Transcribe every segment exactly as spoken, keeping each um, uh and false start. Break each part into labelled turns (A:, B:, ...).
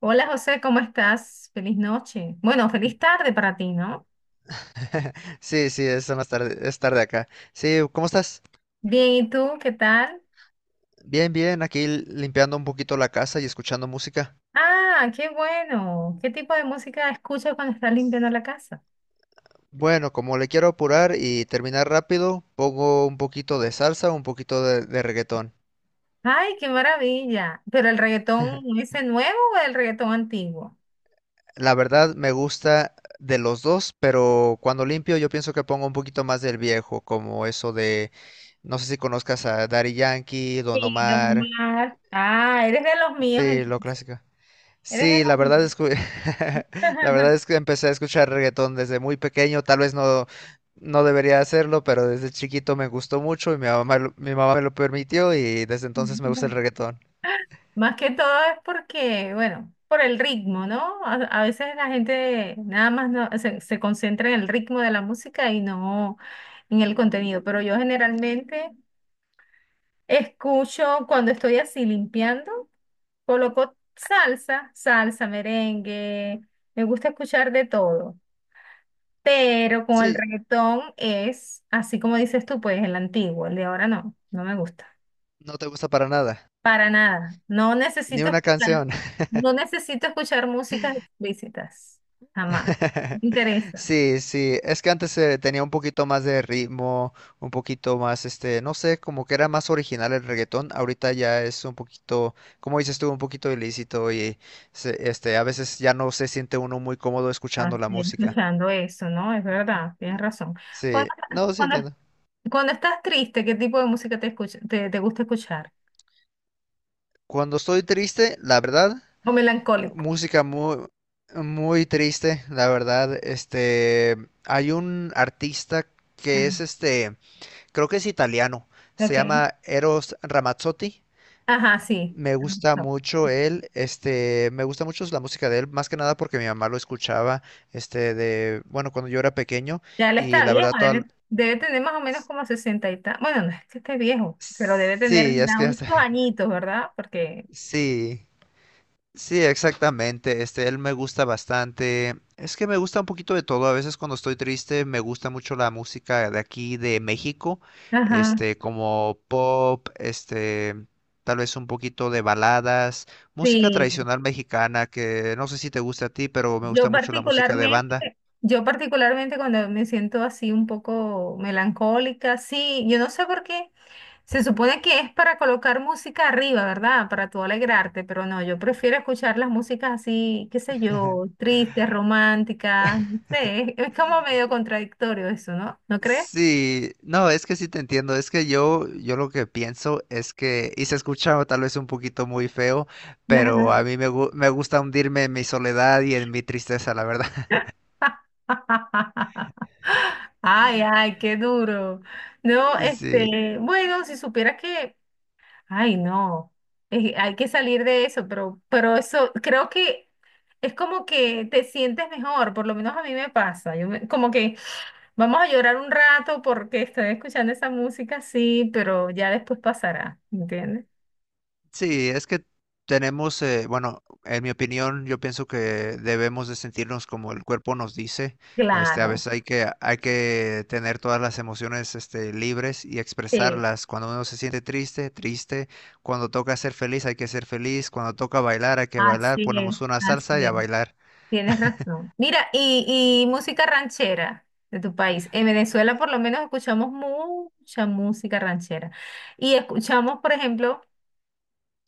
A: Hola José, ¿cómo estás? Feliz noche. Bueno, feliz tarde para ti, ¿no?
B: Sí, sí, es más tarde, es tarde acá. Sí, ¿cómo estás?
A: Bien, ¿y tú qué tal?
B: Bien, bien, aquí limpiando un poquito la casa y escuchando música.
A: Ah, qué bueno. ¿Qué tipo de música escuchas cuando estás limpiando la casa?
B: Bueno, como le quiero apurar y terminar rápido, pongo un poquito de salsa, un poquito de, de reggaetón.
A: Ay, qué maravilla. ¿Pero el reggaetón ese nuevo o el reggaetón antiguo?
B: La verdad me gusta de los dos, pero cuando limpio yo pienso que pongo un poquito más del viejo, como eso de, no sé si conozcas a Daddy Yankee, Don
A: Sí, Don
B: Omar,
A: Omar. Ah, eres de los míos
B: sí, lo
A: entonces.
B: clásico.
A: Eres de
B: Sí, la
A: los
B: verdad es que la
A: míos.
B: verdad es que empecé a escuchar reggaetón desde muy pequeño, tal vez no no debería hacerlo, pero desde chiquito me gustó mucho y mi mamá lo- mi mamá me lo permitió y desde entonces me gusta el reggaetón.
A: Más que todo es porque, bueno, por el ritmo, ¿no? A, a veces la gente nada más no, se, se concentra en el ritmo de la música y no en el contenido. Pero yo generalmente escucho cuando estoy así limpiando, coloco salsa, salsa, merengue, me gusta escuchar de todo. Pero con el
B: Sí,
A: reggaetón es, así como dices tú, pues el antiguo, el de ahora no, no me gusta.
B: no te gusta para nada,
A: Para nada. No
B: ni
A: necesito
B: una
A: escuchar,
B: canción.
A: no necesito escuchar músicas explícitas. Jamás. No me interesa.
B: Sí, sí, es que antes eh, tenía un poquito más de ritmo, un poquito más, este, no sé, como que era más original el reggaetón, ahorita ya es un poquito, como dices tú, un poquito ilícito y se- este, a veces ya no se siente uno muy cómodo
A: Ah,
B: escuchando la
A: sí,
B: música.
A: escuchando eso, ¿no? Es verdad, tienes razón. Cuando,
B: Sí, no, sí
A: cuando-
B: entiendo.
A: Cuando estás triste, ¿qué tipo de música te escucha, te, te gusta escuchar?
B: Cuando estoy triste, la verdad,
A: O melancólico.
B: música muy, muy triste, la verdad, este, hay un artista que
A: Ajá.
B: es este creo que es italiano. Se
A: Ok.
B: llama Eros Ramazzotti.
A: Ajá, sí.
B: Me gusta
A: No.
B: mucho él, este, me gusta mucho la música de él, más que nada porque mi mamá lo escuchaba, este, de, bueno, cuando yo era pequeño
A: Ya él
B: y
A: está
B: la
A: viejo,
B: verdad toda,
A: debe, debe tener más o menos como sesenta y tal. Bueno, no es que esté viejo, pero debe tener
B: sí, es
A: ya
B: que
A: unos
B: hasta,
A: añitos, ¿verdad? Porque,
B: sí. Sí, exactamente. Este, él me gusta bastante. Es que me gusta un poquito de todo. A veces cuando estoy triste me gusta mucho la música de aquí de México,
A: ajá,
B: este, como pop, este, tal vez un poquito de baladas, música
A: sí,
B: tradicional mexicana que no sé si te gusta a ti, pero me
A: yo
B: gusta mucho la música de
A: particularmente,
B: banda.
A: yo particularmente cuando me siento así un poco melancólica, sí, yo no sé por qué. Se supone que es para colocar música arriba, ¿verdad? Para tú alegrarte, pero no, yo prefiero escuchar las músicas así, qué sé yo, tristes, románticas, no sé, es, es como medio contradictorio eso, ¿no? ¿No crees?
B: Sí, no, es que sí te entiendo, es que yo, yo lo que pienso es que, y se escucha tal vez un poquito muy feo, pero a mí me, gu- me gusta hundirme en mi soledad y en mi tristeza, la verdad.
A: Ay, ay, qué duro. No,
B: Sí.
A: este, bueno, si supieras que Ay, no. Eh, hay que salir de eso, pero, pero eso creo que es como que te sientes mejor, por lo menos a mí me pasa. Yo me- como que vamos a llorar un rato porque estoy escuchando esa música, sí, pero ya después pasará, ¿entiendes?
B: Sí, es que tenemos, eh, bueno, en mi opinión, yo pienso que debemos de sentirnos como el cuerpo nos dice. Este, a
A: Claro,
B: veces hay que, hay que tener todas las emociones, este, libres y
A: sí,
B: expresarlas. Cuando uno se siente triste, triste. Cuando toca ser feliz, hay que ser feliz. Cuando toca bailar, hay que bailar.
A: así es,
B: Ponemos una salsa
A: así
B: y a
A: es.
B: bailar.
A: Tienes razón. Mira, y, y música ranchera de tu país. En Venezuela por lo menos escuchamos mucha música ranchera. Y escuchamos, por ejemplo,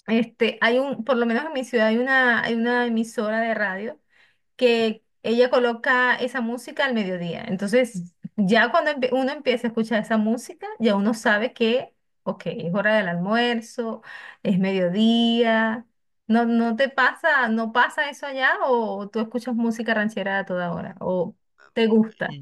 A: este, hay un, por lo menos en mi ciudad hay una, hay una emisora de radio que ella coloca esa música al mediodía. Entonces, ya cuando empie- uno empieza a escuchar esa música, ya uno sabe que, ok, es hora del almuerzo, es mediodía. No, no te pasa, no pasa eso allá o tú escuchas música ranchera a toda hora o te gusta.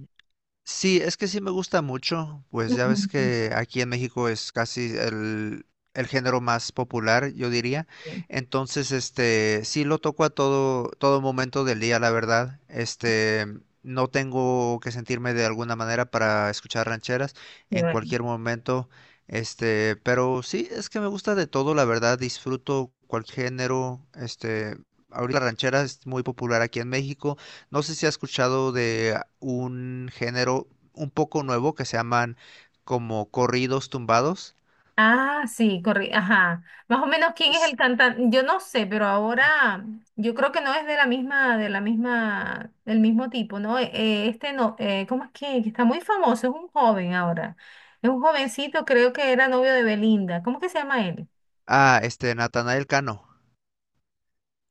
B: Sí, es que sí me gusta mucho, pues ya ves
A: Ujú.
B: que aquí en México es casi el, el género más popular, yo diría.
A: Sí,
B: Entonces, este, sí lo toco a todo, todo momento del día, la verdad. Este, no tengo que sentirme de alguna manera para escuchar rancheras
A: sí,
B: en
A: bueno.
B: cualquier momento. Este, pero sí, es que me gusta de todo, la verdad. Disfruto cualquier género. Este, ahorita la ranchera es muy popular aquí en México. No sé si has escuchado de un género un poco nuevo que se llaman como corridos tumbados.
A: Ah, sí, correcto. Ajá. Más o menos quién es el
B: Es-
A: cantante. Yo no sé, pero ahora yo creo que no es de la misma, de la misma, del mismo tipo, ¿no? Eh, eh, este no, eh, ¿cómo es que? Que está muy famoso, es un joven ahora. Es un jovencito, creo que era novio de Belinda. ¿Cómo que se llama él?
B: Ah, este, Natanael Cano.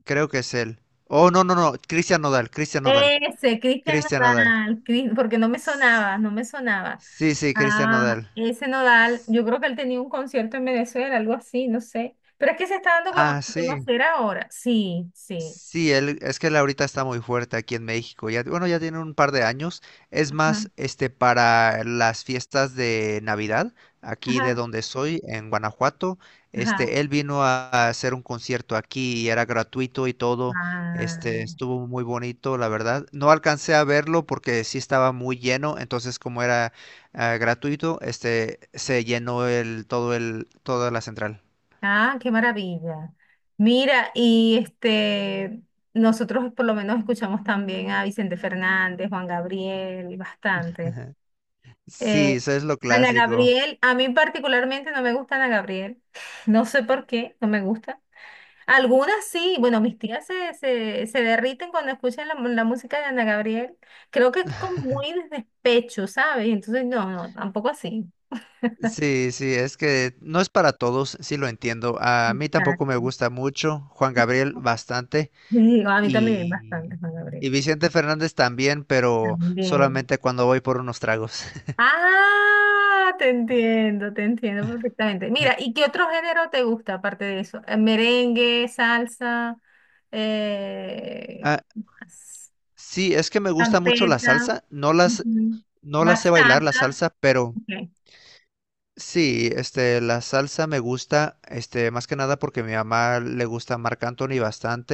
B: Creo que es él. Oh, no, no, no. Cristian Nodal, Cristian Nodal.
A: Ese, Cristian
B: Cristian Nodal.
A: Nodal, Cris- porque no me
B: S-
A: sonaba, no me sonaba.
B: Sí, sí, Cristian
A: Ah,
B: Nodal.
A: ese Nodal,
B: S-
A: yo creo que él tenía un concierto en Venezuela, algo así, no sé. Pero es que se está dando a
B: Ah,
A: cono- a
B: sí.
A: conocer ahora. Sí, sí.
B: Sí, él, es que él ahorita está muy fuerte aquí en México. Ya, bueno, ya tiene un par de años. Es más, este, para las fiestas de Navidad, aquí de
A: Ajá,
B: donde soy, en Guanajuato,
A: ajá.
B: este, él vino a, a hacer un concierto aquí y era gratuito y todo.
A: Ah,
B: Este, estuvo muy bonito, la verdad. No alcancé a verlo porque sí estaba muy lleno, entonces como era ah, gratuito, este, se llenó el, todo el, toda la central.
A: ah, qué maravilla. Mira, y este, nosotros por lo menos escuchamos también a Vicente Fernández, Juan Gabriel, bastante. Eh,
B: Sí, eso es lo
A: Ana
B: clásico.
A: Gabriel, a mí particularmente no me gusta Ana Gabriel. No sé por qué, no me gusta. Algunas sí, bueno, mis tías se, se, se derriten cuando escuchan la, mu- la música de Ana Gabriel. Creo que es como muy de despecho, ¿sabes? Entonces, no, no, tampoco así.
B: Sí, sí, es que no es para todos, sí lo entiendo. A mí tampoco me gusta mucho, Juan Gabriel bastante
A: Sí, a mí también
B: y,
A: bastante, Juan
B: y
A: Gabriel.
B: Vicente Fernández también, pero
A: También.
B: solamente cuando voy por unos tragos.
A: Ah, te entiendo, te entiendo perfectamente. Mira, ¿y qué otro género te gusta aparte de eso? Eh, Merengue, salsa, eh,
B: Ah,
A: ¿qué más?
B: sí, es que me gusta mucho la
A: Champeta,
B: salsa, no las,
A: ujú,
B: no la sé bailar la
A: bachata.
B: salsa, pero
A: Ok.
B: sí, este, la salsa me gusta, este, más que nada porque a mi mamá le gusta Marc Anthony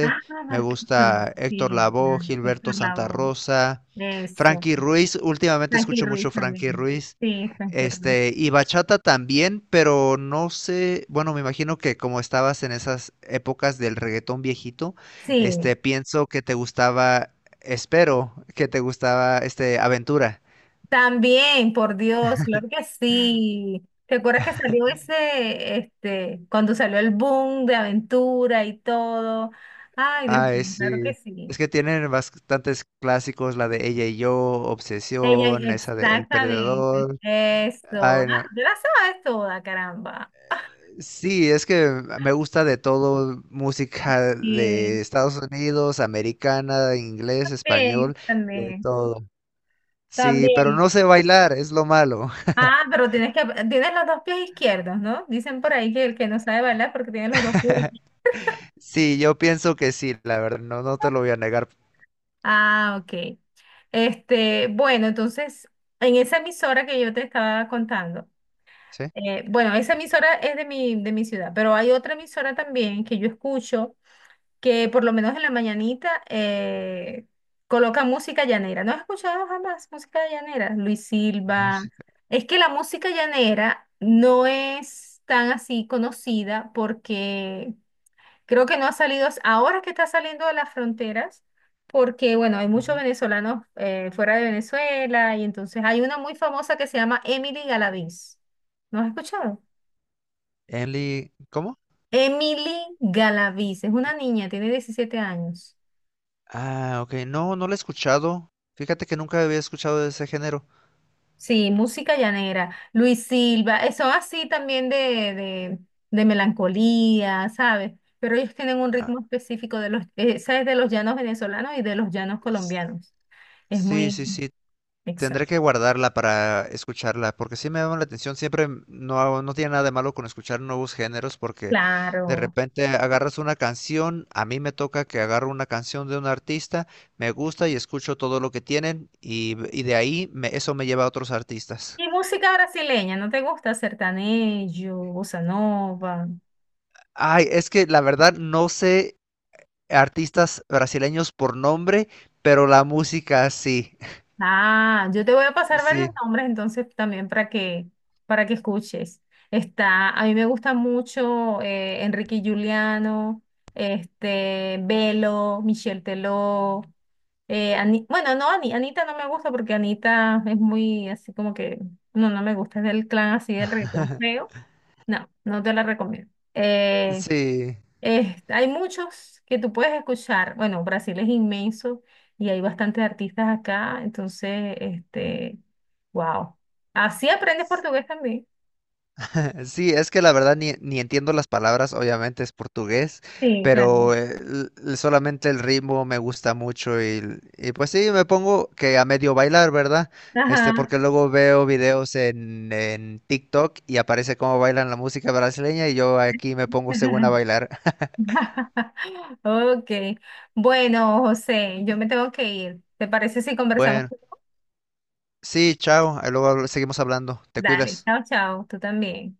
A: Ah,
B: Me
A: Marqués Sonido,
B: gusta
A: sí,
B: Héctor Lavoe,
A: claro,
B: Gilberto
A: Héctor
B: Santa
A: Lavoe,
B: Rosa,
A: eso.
B: Frankie Ruiz. Últimamente
A: Frankie
B: escucho mucho
A: Ruiz
B: Frankie
A: también.
B: Ruiz.
A: Sí, Frankie Ruiz.
B: Este, y bachata también, pero no sé, bueno, me imagino que como estabas en esas épocas del reggaetón viejito,
A: Sí,
B: este, pienso que te gustaba, espero que te gustaba, este, Aventura.
A: también, por Dios, claro que sí. ¿Te acuerdas que salió ese, este, cuando salió el boom de aventura y todo? Ay, Dios
B: Ay,
A: mío, claro
B: sí.
A: que sí.
B: Es que tienen bastantes clásicos, la de Ella y yo,
A: Ella,
B: Obsesión, esa de El
A: exactamente,
B: Perdedor.
A: eso.
B: Ay, no.
A: Ah, te la sabes toda, caramba.
B: Sí, es que me gusta de todo, música
A: Sí,
B: de Estados Unidos, americana, inglés, español,
A: también,
B: de
A: también,
B: todo. Sí, pero
A: también.
B: no sé bailar, es lo malo.
A: Ah, pero tienes que, tienes los dos pies izquierdos, ¿no? Dicen por ahí que el que no sabe bailar porque tiene los dos pies.
B: Sí, yo pienso que sí, la verdad, no, no te lo voy a negar.
A: Ah, ok. Este, bueno, entonces, en esa emisora que yo te estaba contando,
B: ¿Sí?
A: eh, bueno, esa emisora es de mi, de mi ciudad, pero hay otra emisora también que yo escucho que por lo menos en la mañanita eh, coloca música llanera. ¿No has escuchado jamás música llanera? Luis Silva.
B: Música.
A: Es que la música llanera no es tan así conocida porque creo que no ha salido, ahora que está saliendo de las fronteras, porque bueno, hay muchos
B: Ujú.
A: venezolanos eh, fuera de Venezuela y entonces hay una muy famosa que se llama Emily Galaviz. ¿No has escuchado?
B: Enli- ¿cómo?
A: Emily Galaviz, es una niña, tiene diecisiete años.
B: Ah, ok. No, no lo he escuchado. Fíjate que nunca había escuchado de ese género.
A: Sí, música llanera. Luis Silva, eh, son así también de, de, de melancolía, ¿sabes? Pero ellos tienen un
B: Ah,
A: ritmo específico de los, eh, ¿sabes? De los llanos venezolanos y de los llanos
B: s-
A: colombianos. Es
B: sí,
A: muy
B: sí, sí. Tendré
A: exacto.
B: que guardarla para escucharla, porque sí me llama la atención. Siempre m- no, no tiene nada de malo con escuchar nuevos géneros, porque de
A: Claro.
B: repente agarras una canción. A mí me toca que agarro una canción de un artista, me gusta y escucho todo lo que tienen, y, y de ahí me- eso me lleva a otros artistas.
A: Y música brasileña, ¿no te gusta? Sertanejo, bossa nova.
B: Ay, es que la verdad no sé artistas brasileños por nombre, pero la música sí,
A: Ah, yo te voy a pasar varios
B: sí,
A: nombres entonces también para que, para que escuches. Está, a mí me gusta mucho eh, Enrique y Juliano, este, Belo, Michel Teló, eh, Ani- bueno, no, Ani- Anita no me gusta porque Anita es muy así como que, no, no me gusta, es del clan así del reggaetón feo. No, no te la recomiendo. Eh,
B: sí,
A: Eh, hay muchos que tú puedes escuchar. Bueno, Brasil es inmenso y hay bastantes artistas acá, entonces, este, wow. Así aprendes portugués también.
B: sí, es que la verdad ni, ni entiendo las palabras, obviamente es portugués,
A: Sí, claro.
B: pero eh, l- l- solamente el ritmo me gusta mucho y, l- y pues sí, me pongo que a medio bailar, ¿verdad? Este,
A: Ajá.
B: porque luego veo videos en, en TikTok y aparece cómo bailan la música brasileña y yo aquí me pongo según a bailar.
A: Ok. Bueno, José, yo me tengo que ir. ¿Te parece si conversamos?
B: Bueno, sí, chao, ahí luego habl- seguimos hablando, te
A: Dale,
B: cuidas.
A: chao, chao, tú también.